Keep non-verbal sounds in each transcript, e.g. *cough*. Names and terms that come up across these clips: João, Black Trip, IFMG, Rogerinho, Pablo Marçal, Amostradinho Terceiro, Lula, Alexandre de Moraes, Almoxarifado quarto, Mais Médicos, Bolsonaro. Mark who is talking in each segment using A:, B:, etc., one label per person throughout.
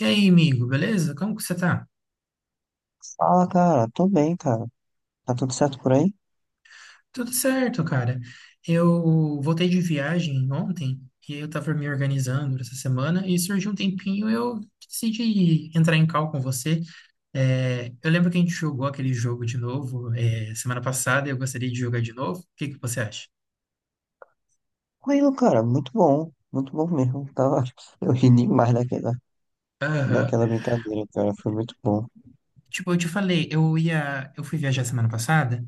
A: E aí, amigo, beleza? Como que você tá?
B: Fala, cara. Tô bem, cara. Tá tudo certo por aí?
A: Tudo certo, cara. Eu voltei de viagem ontem e eu tava me organizando essa semana e surgiu um tempinho, eu decidi entrar em call com você. Eu lembro que a gente jogou aquele jogo de novo, semana passada, e eu gostaria de jogar de novo. O que que você acha?
B: Tranquilo, cara. Muito bom. Muito bom mesmo. Tava... *laughs* Eu ri demais daquela,
A: Aham.
B: daquela brincadeira, cara. Foi muito bom.
A: Tipo, eu te falei, eu fui viajar semana passada,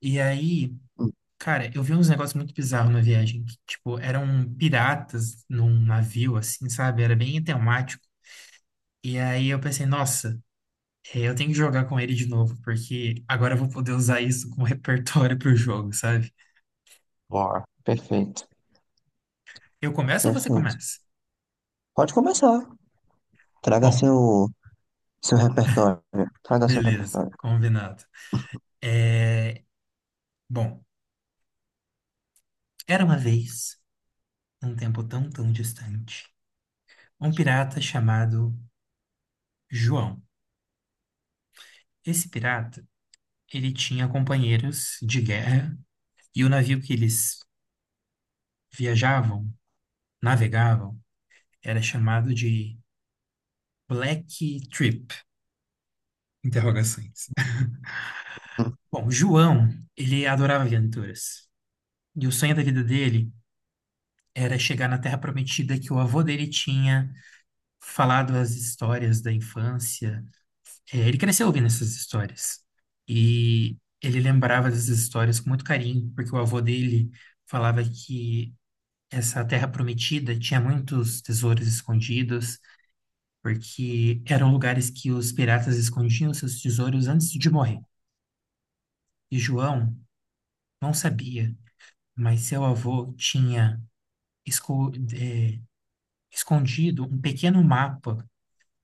A: e aí,
B: Hum.
A: cara, eu vi uns negócios muito bizarros na viagem, que, tipo, eram piratas num navio, assim, sabe? Era bem temático. E aí eu pensei, nossa, eu tenho que jogar com ele de novo, porque agora eu vou poder usar isso como *laughs* repertório pro jogo, sabe?
B: Bora. Perfeito.
A: Eu começo ou você
B: Perfeito.
A: começa?
B: Pode começar. Traga
A: Bom,
B: seu, Seu repertório. Traga seu
A: beleza,
B: repertório.
A: combinado. É, bom, era uma vez, num tempo tão, tão distante, um pirata chamado João. Esse pirata, ele tinha companheiros de guerra, e o navio que eles viajavam, navegavam, era chamado de Black Trip, interrogações.
B: Hum.
A: Bom, João, ele adorava aventuras. E o sonho da vida dele era chegar na Terra Prometida que o avô dele tinha falado as histórias da infância. É, ele cresceu ouvindo essas histórias. E ele lembrava dessas histórias com muito carinho, porque o avô dele falava que essa Terra Prometida tinha muitos tesouros escondidos, porque eram lugares que os piratas escondiam seus tesouros antes de morrer. E João não sabia, mas seu avô tinha esco- eh, escondido um pequeno mapa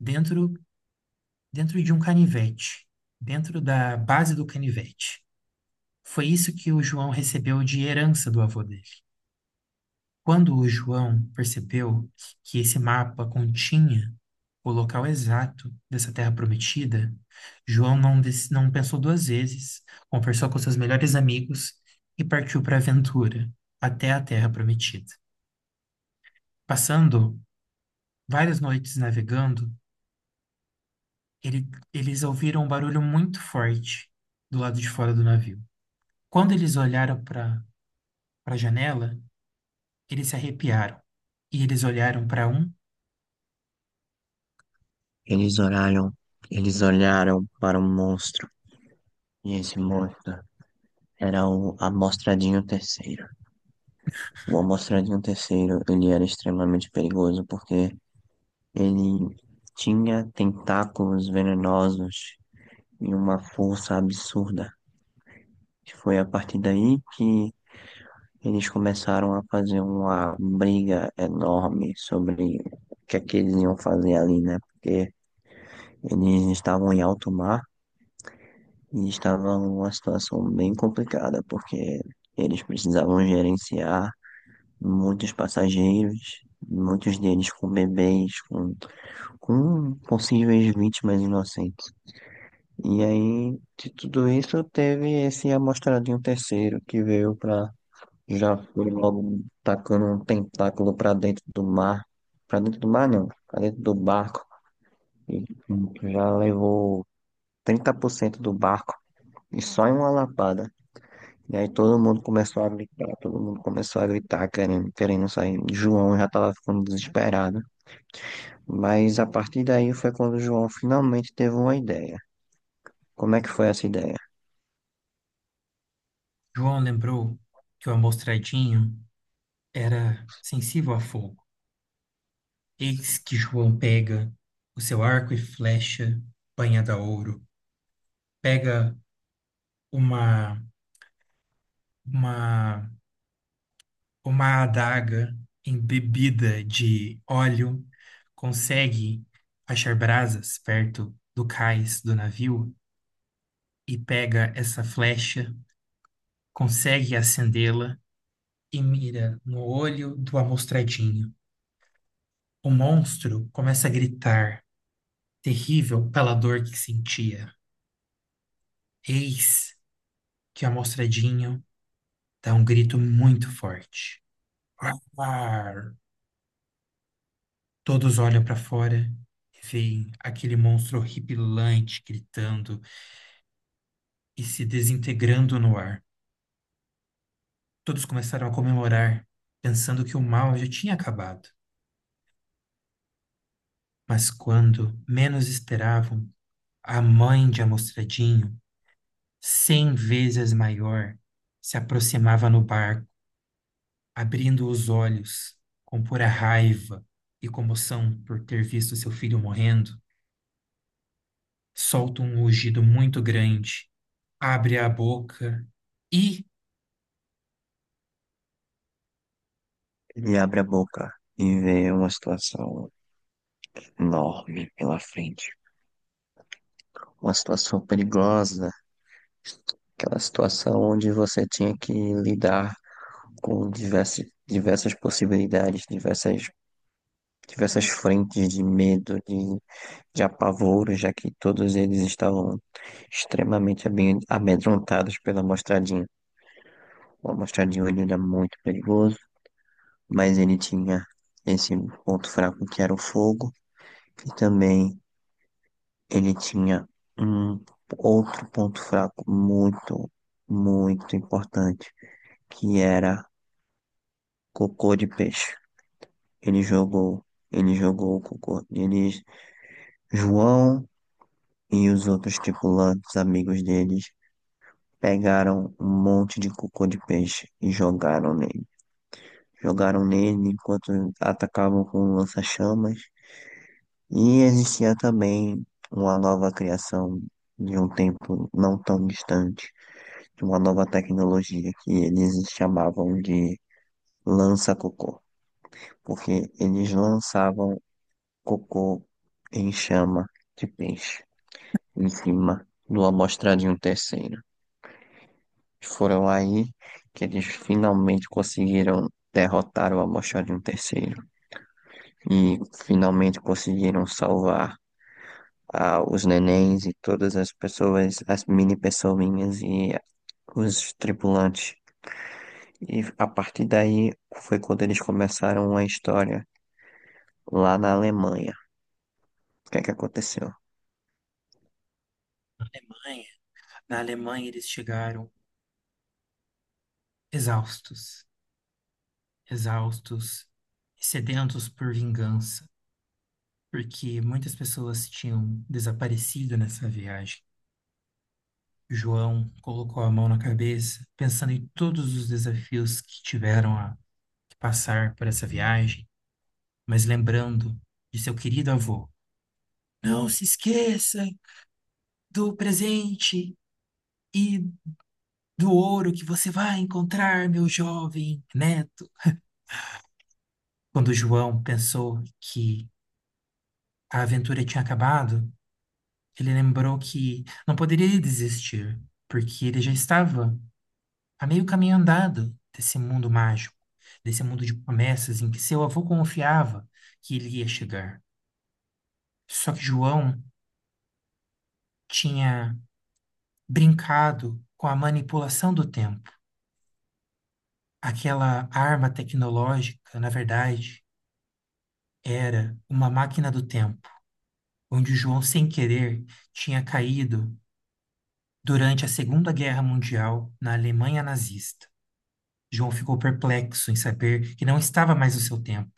A: dentro, dentro de um canivete, dentro da base do canivete. Foi isso que o João recebeu de herança do avô dele. Quando o João percebeu que esse mapa continha o local exato dessa terra prometida, João não, des- não pensou duas vezes, conversou com seus melhores amigos e partiu para a aventura, até a terra prometida. Passando várias noites navegando, ele- eles ouviram um barulho muito forte do lado de fora do navio. Quando eles olharam para a janela, eles se arrepiaram e eles olharam para um.
B: Eles olharam, eles olharam para um monstro, e esse monstro era o Amostradinho Terceiro. O Amostradinho Terceiro, ele era extremamente perigoso porque ele tinha tentáculos venenosos e uma força absurda. E foi a partir daí que eles começaram a fazer uma briga enorme sobre o que é que eles iam fazer ali, né? Porque eles estavam em alto mar e estava uma situação bem complicada, porque eles precisavam gerenciar muitos passageiros, muitos deles com bebês, com possíveis vítimas inocentes. E aí, de tudo isso, teve esse amostradinho terceiro que veio para. Já foi logo tacando um tentáculo para dentro do mar. Para dentro do mar, não, para dentro do barco. E já levou 30% do barco. E só em uma lapada. E aí todo mundo começou a gritar, todo mundo começou a gritar, querendo sair. João já estava ficando desesperado. Mas a partir daí foi quando o João finalmente teve uma ideia. Como é que foi essa ideia?
A: João lembrou que o amostradinho era sensível a fogo. Eis que João pega o seu arco e flecha banhada a ouro, pega uma, uma, uma adaga embebida de óleo, consegue achar brasas perto do cais do navio e pega essa flecha, consegue acendê-la e mira no olho do amostradinho. O monstro começa a gritar, terrível pela dor que sentia. Eis que o amostradinho dá um grito muito forte. Ar! Todos olham para fora e veem aquele monstro horripilante gritando e se desintegrando no ar. Todos começaram a comemorar, pensando que o mal já tinha acabado. Mas quando menos esperavam, a mãe de Amostradinho, 100 vezes maior, se aproximava no barco, abrindo os olhos com pura raiva e comoção por ter visto seu filho morrendo, solta um rugido muito grande, abre a boca e
B: Ele abre a boca e vê uma situação enorme pela frente. Uma situação perigosa, aquela situação onde você tinha que lidar com diversas possibilidades, diversas frentes de medo, de apavoro, já que todos eles estavam extremamente amedrontados pela mostradinha. O mostradinho, ele era muito perigoso, mas ele tinha esse ponto fraco que era o fogo, e também ele tinha um outro ponto fraco muito importante, que era cocô de peixe. Ele jogou, ele jogou o cocô. Eles, João e os outros tripulantes, amigos deles, pegaram um monte de cocô de peixe e jogaram nele. Jogaram nele enquanto atacavam com lança-chamas. E existia também uma nova criação de um tempo não tão distante, de uma nova tecnologia que eles chamavam de lança-cocô, porque eles lançavam cocô em chama de peixe em cima do amostrar de um terceiro. Foram aí que eles finalmente conseguiram derrotar o Amoxarion terceiro e finalmente conseguiram salvar os nenéns e todas as pessoas, as mini pessoinhas e os tripulantes. E a partir daí foi quando eles começaram a história lá na Alemanha. O que é que aconteceu?
A: Alemanha. Na Alemanha eles chegaram, exaustos, exaustos, e sedentos por vingança, porque muitas pessoas tinham desaparecido nessa viagem. João colocou a mão na cabeça, pensando em todos os desafios que tiveram a que passar por essa viagem, mas lembrando de seu querido avô. Não se esqueça do presente e do ouro que você vai encontrar, meu jovem neto. Quando João pensou que a aventura tinha acabado, ele lembrou que não poderia desistir, porque ele já estava a meio caminho andado desse mundo mágico, desse mundo de promessas em que seu avô confiava que ele ia chegar. Só que João tinha brincado com a manipulação do tempo. Aquela arma tecnológica, na verdade, era uma máquina do tempo onde João, sem querer, tinha caído durante a Segunda Guerra Mundial na Alemanha nazista. João ficou perplexo em saber que não estava mais no seu tempo,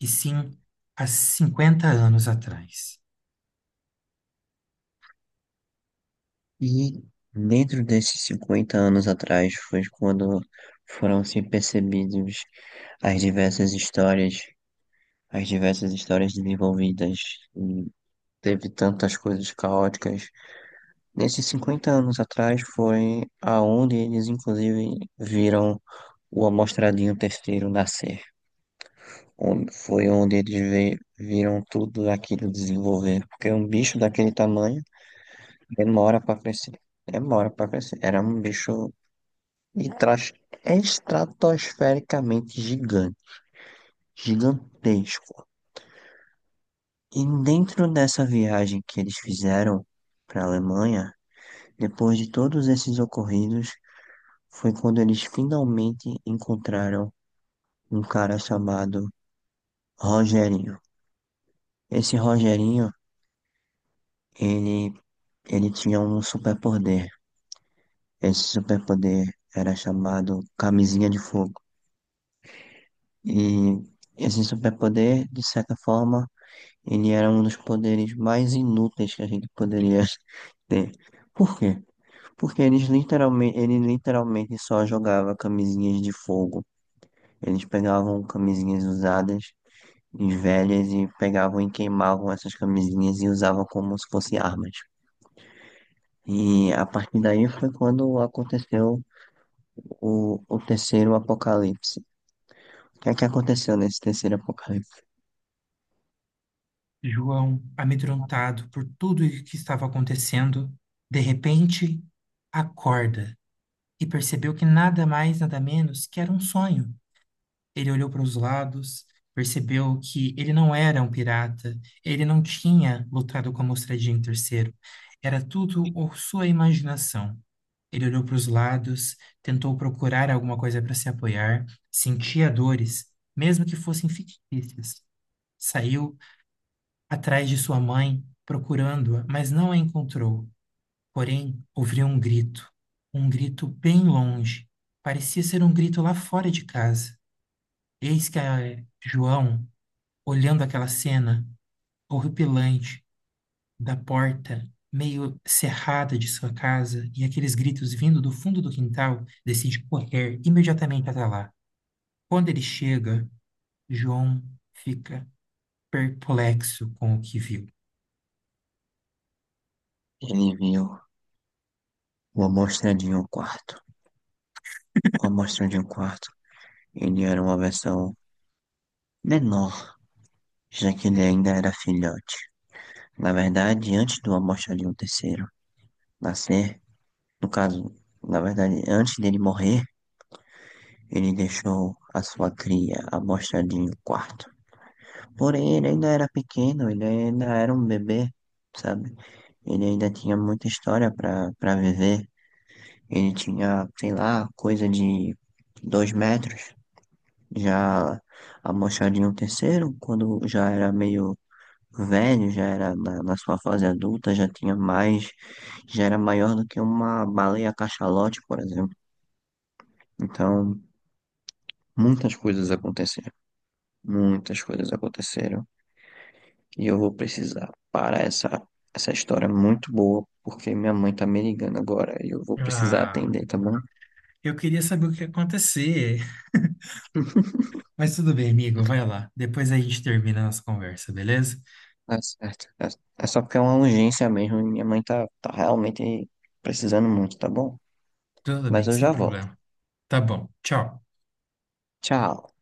A: e sim há 50 anos atrás.
B: E dentro desses 50 anos atrás foi quando foram se percebidos as diversas histórias, as diversas histórias desenvolvidas. E teve tantas coisas caóticas. Nesses 50 anos atrás foi aonde eles, inclusive, viram o Amostradinho Terceiro nascer. Foi onde eles viram tudo aquilo desenvolver. Porque um bicho daquele tamanho demora para crescer. Demora para crescer. Era um bicho estra- estratosfericamente gigante. Gigantesco. E dentro dessa viagem que eles fizeram para a Alemanha, depois de todos esses ocorridos, foi quando eles finalmente encontraram um cara chamado Rogerinho. Esse Rogerinho, ele, ele tinha um superpoder. Esse superpoder era chamado Camisinha de Fogo. E esse superpoder, de certa forma, ele era um dos poderes mais inúteis que a gente poderia *laughs* ter. Por quê? Porque ele literalmente só jogava camisinhas de fogo. Eles pegavam camisinhas usadas e velhas e pegavam e queimavam essas camisinhas e usavam como se fossem armas. E a partir daí foi quando aconteceu o terceiro apocalipse. O que é que aconteceu nesse terceiro apocalipse?
A: João, amedrontado por tudo o que estava acontecendo, de repente acorda e percebeu que nada mais, nada menos que era um sonho. Ele olhou para os lados, percebeu que ele não era um pirata, ele não tinha lutado com a Mostradinha em terceiro. Era tudo ou sua imaginação. Ele olhou para os lados, tentou procurar alguma coisa para se apoiar, sentia dores, mesmo que fossem fictícias. Saiu atrás de sua mãe, procurando-a, mas não a encontrou. Porém, ouviu um grito bem longe. Parecia ser um grito lá fora de casa. Eis que a João olhando aquela cena horripilante da porta meio cerrada de sua casa e aqueles gritos vindo do fundo do quintal, decide correr imediatamente até lá. Quando ele chega, João fica perplexo com o que viu.
B: Ele viu uma amostra de um quarto. Uma amostra de um quarto. Ele era uma versão menor, já que ele ainda era filhote. Na verdade, antes do Almoxarifado terceiro nascer, no caso, na verdade, antes dele morrer, ele deixou a sua cria, Almoxarifado quarto. Porém, ele ainda era pequeno, ele ainda era um bebê, sabe? Ele ainda tinha muita história para viver. Ele tinha, sei lá, coisa de 2 metros. Já Almoxarifado terceiro quando já era meio velho, já era na sua fase adulta, já tinha mais, já era maior do que uma baleia cachalote, por exemplo. Então, muitas coisas aconteceram, muitas coisas aconteceram, e eu vou precisar parar essa história muito boa, porque minha mãe tá me ligando agora, e eu vou precisar
A: Ah,
B: atender, tá bom?
A: eu queria saber o que ia acontecer. Mas tudo bem, amigo, vai lá. Depois a gente termina a nossa conversa, beleza?
B: Tá certo. É, é só porque é uma urgência mesmo, e minha mãe tá realmente precisando muito, tá bom?
A: Tudo
B: Mas
A: bem,
B: eu
A: sem
B: já volto.
A: problema. Tá bom, tchau.
B: Tchau.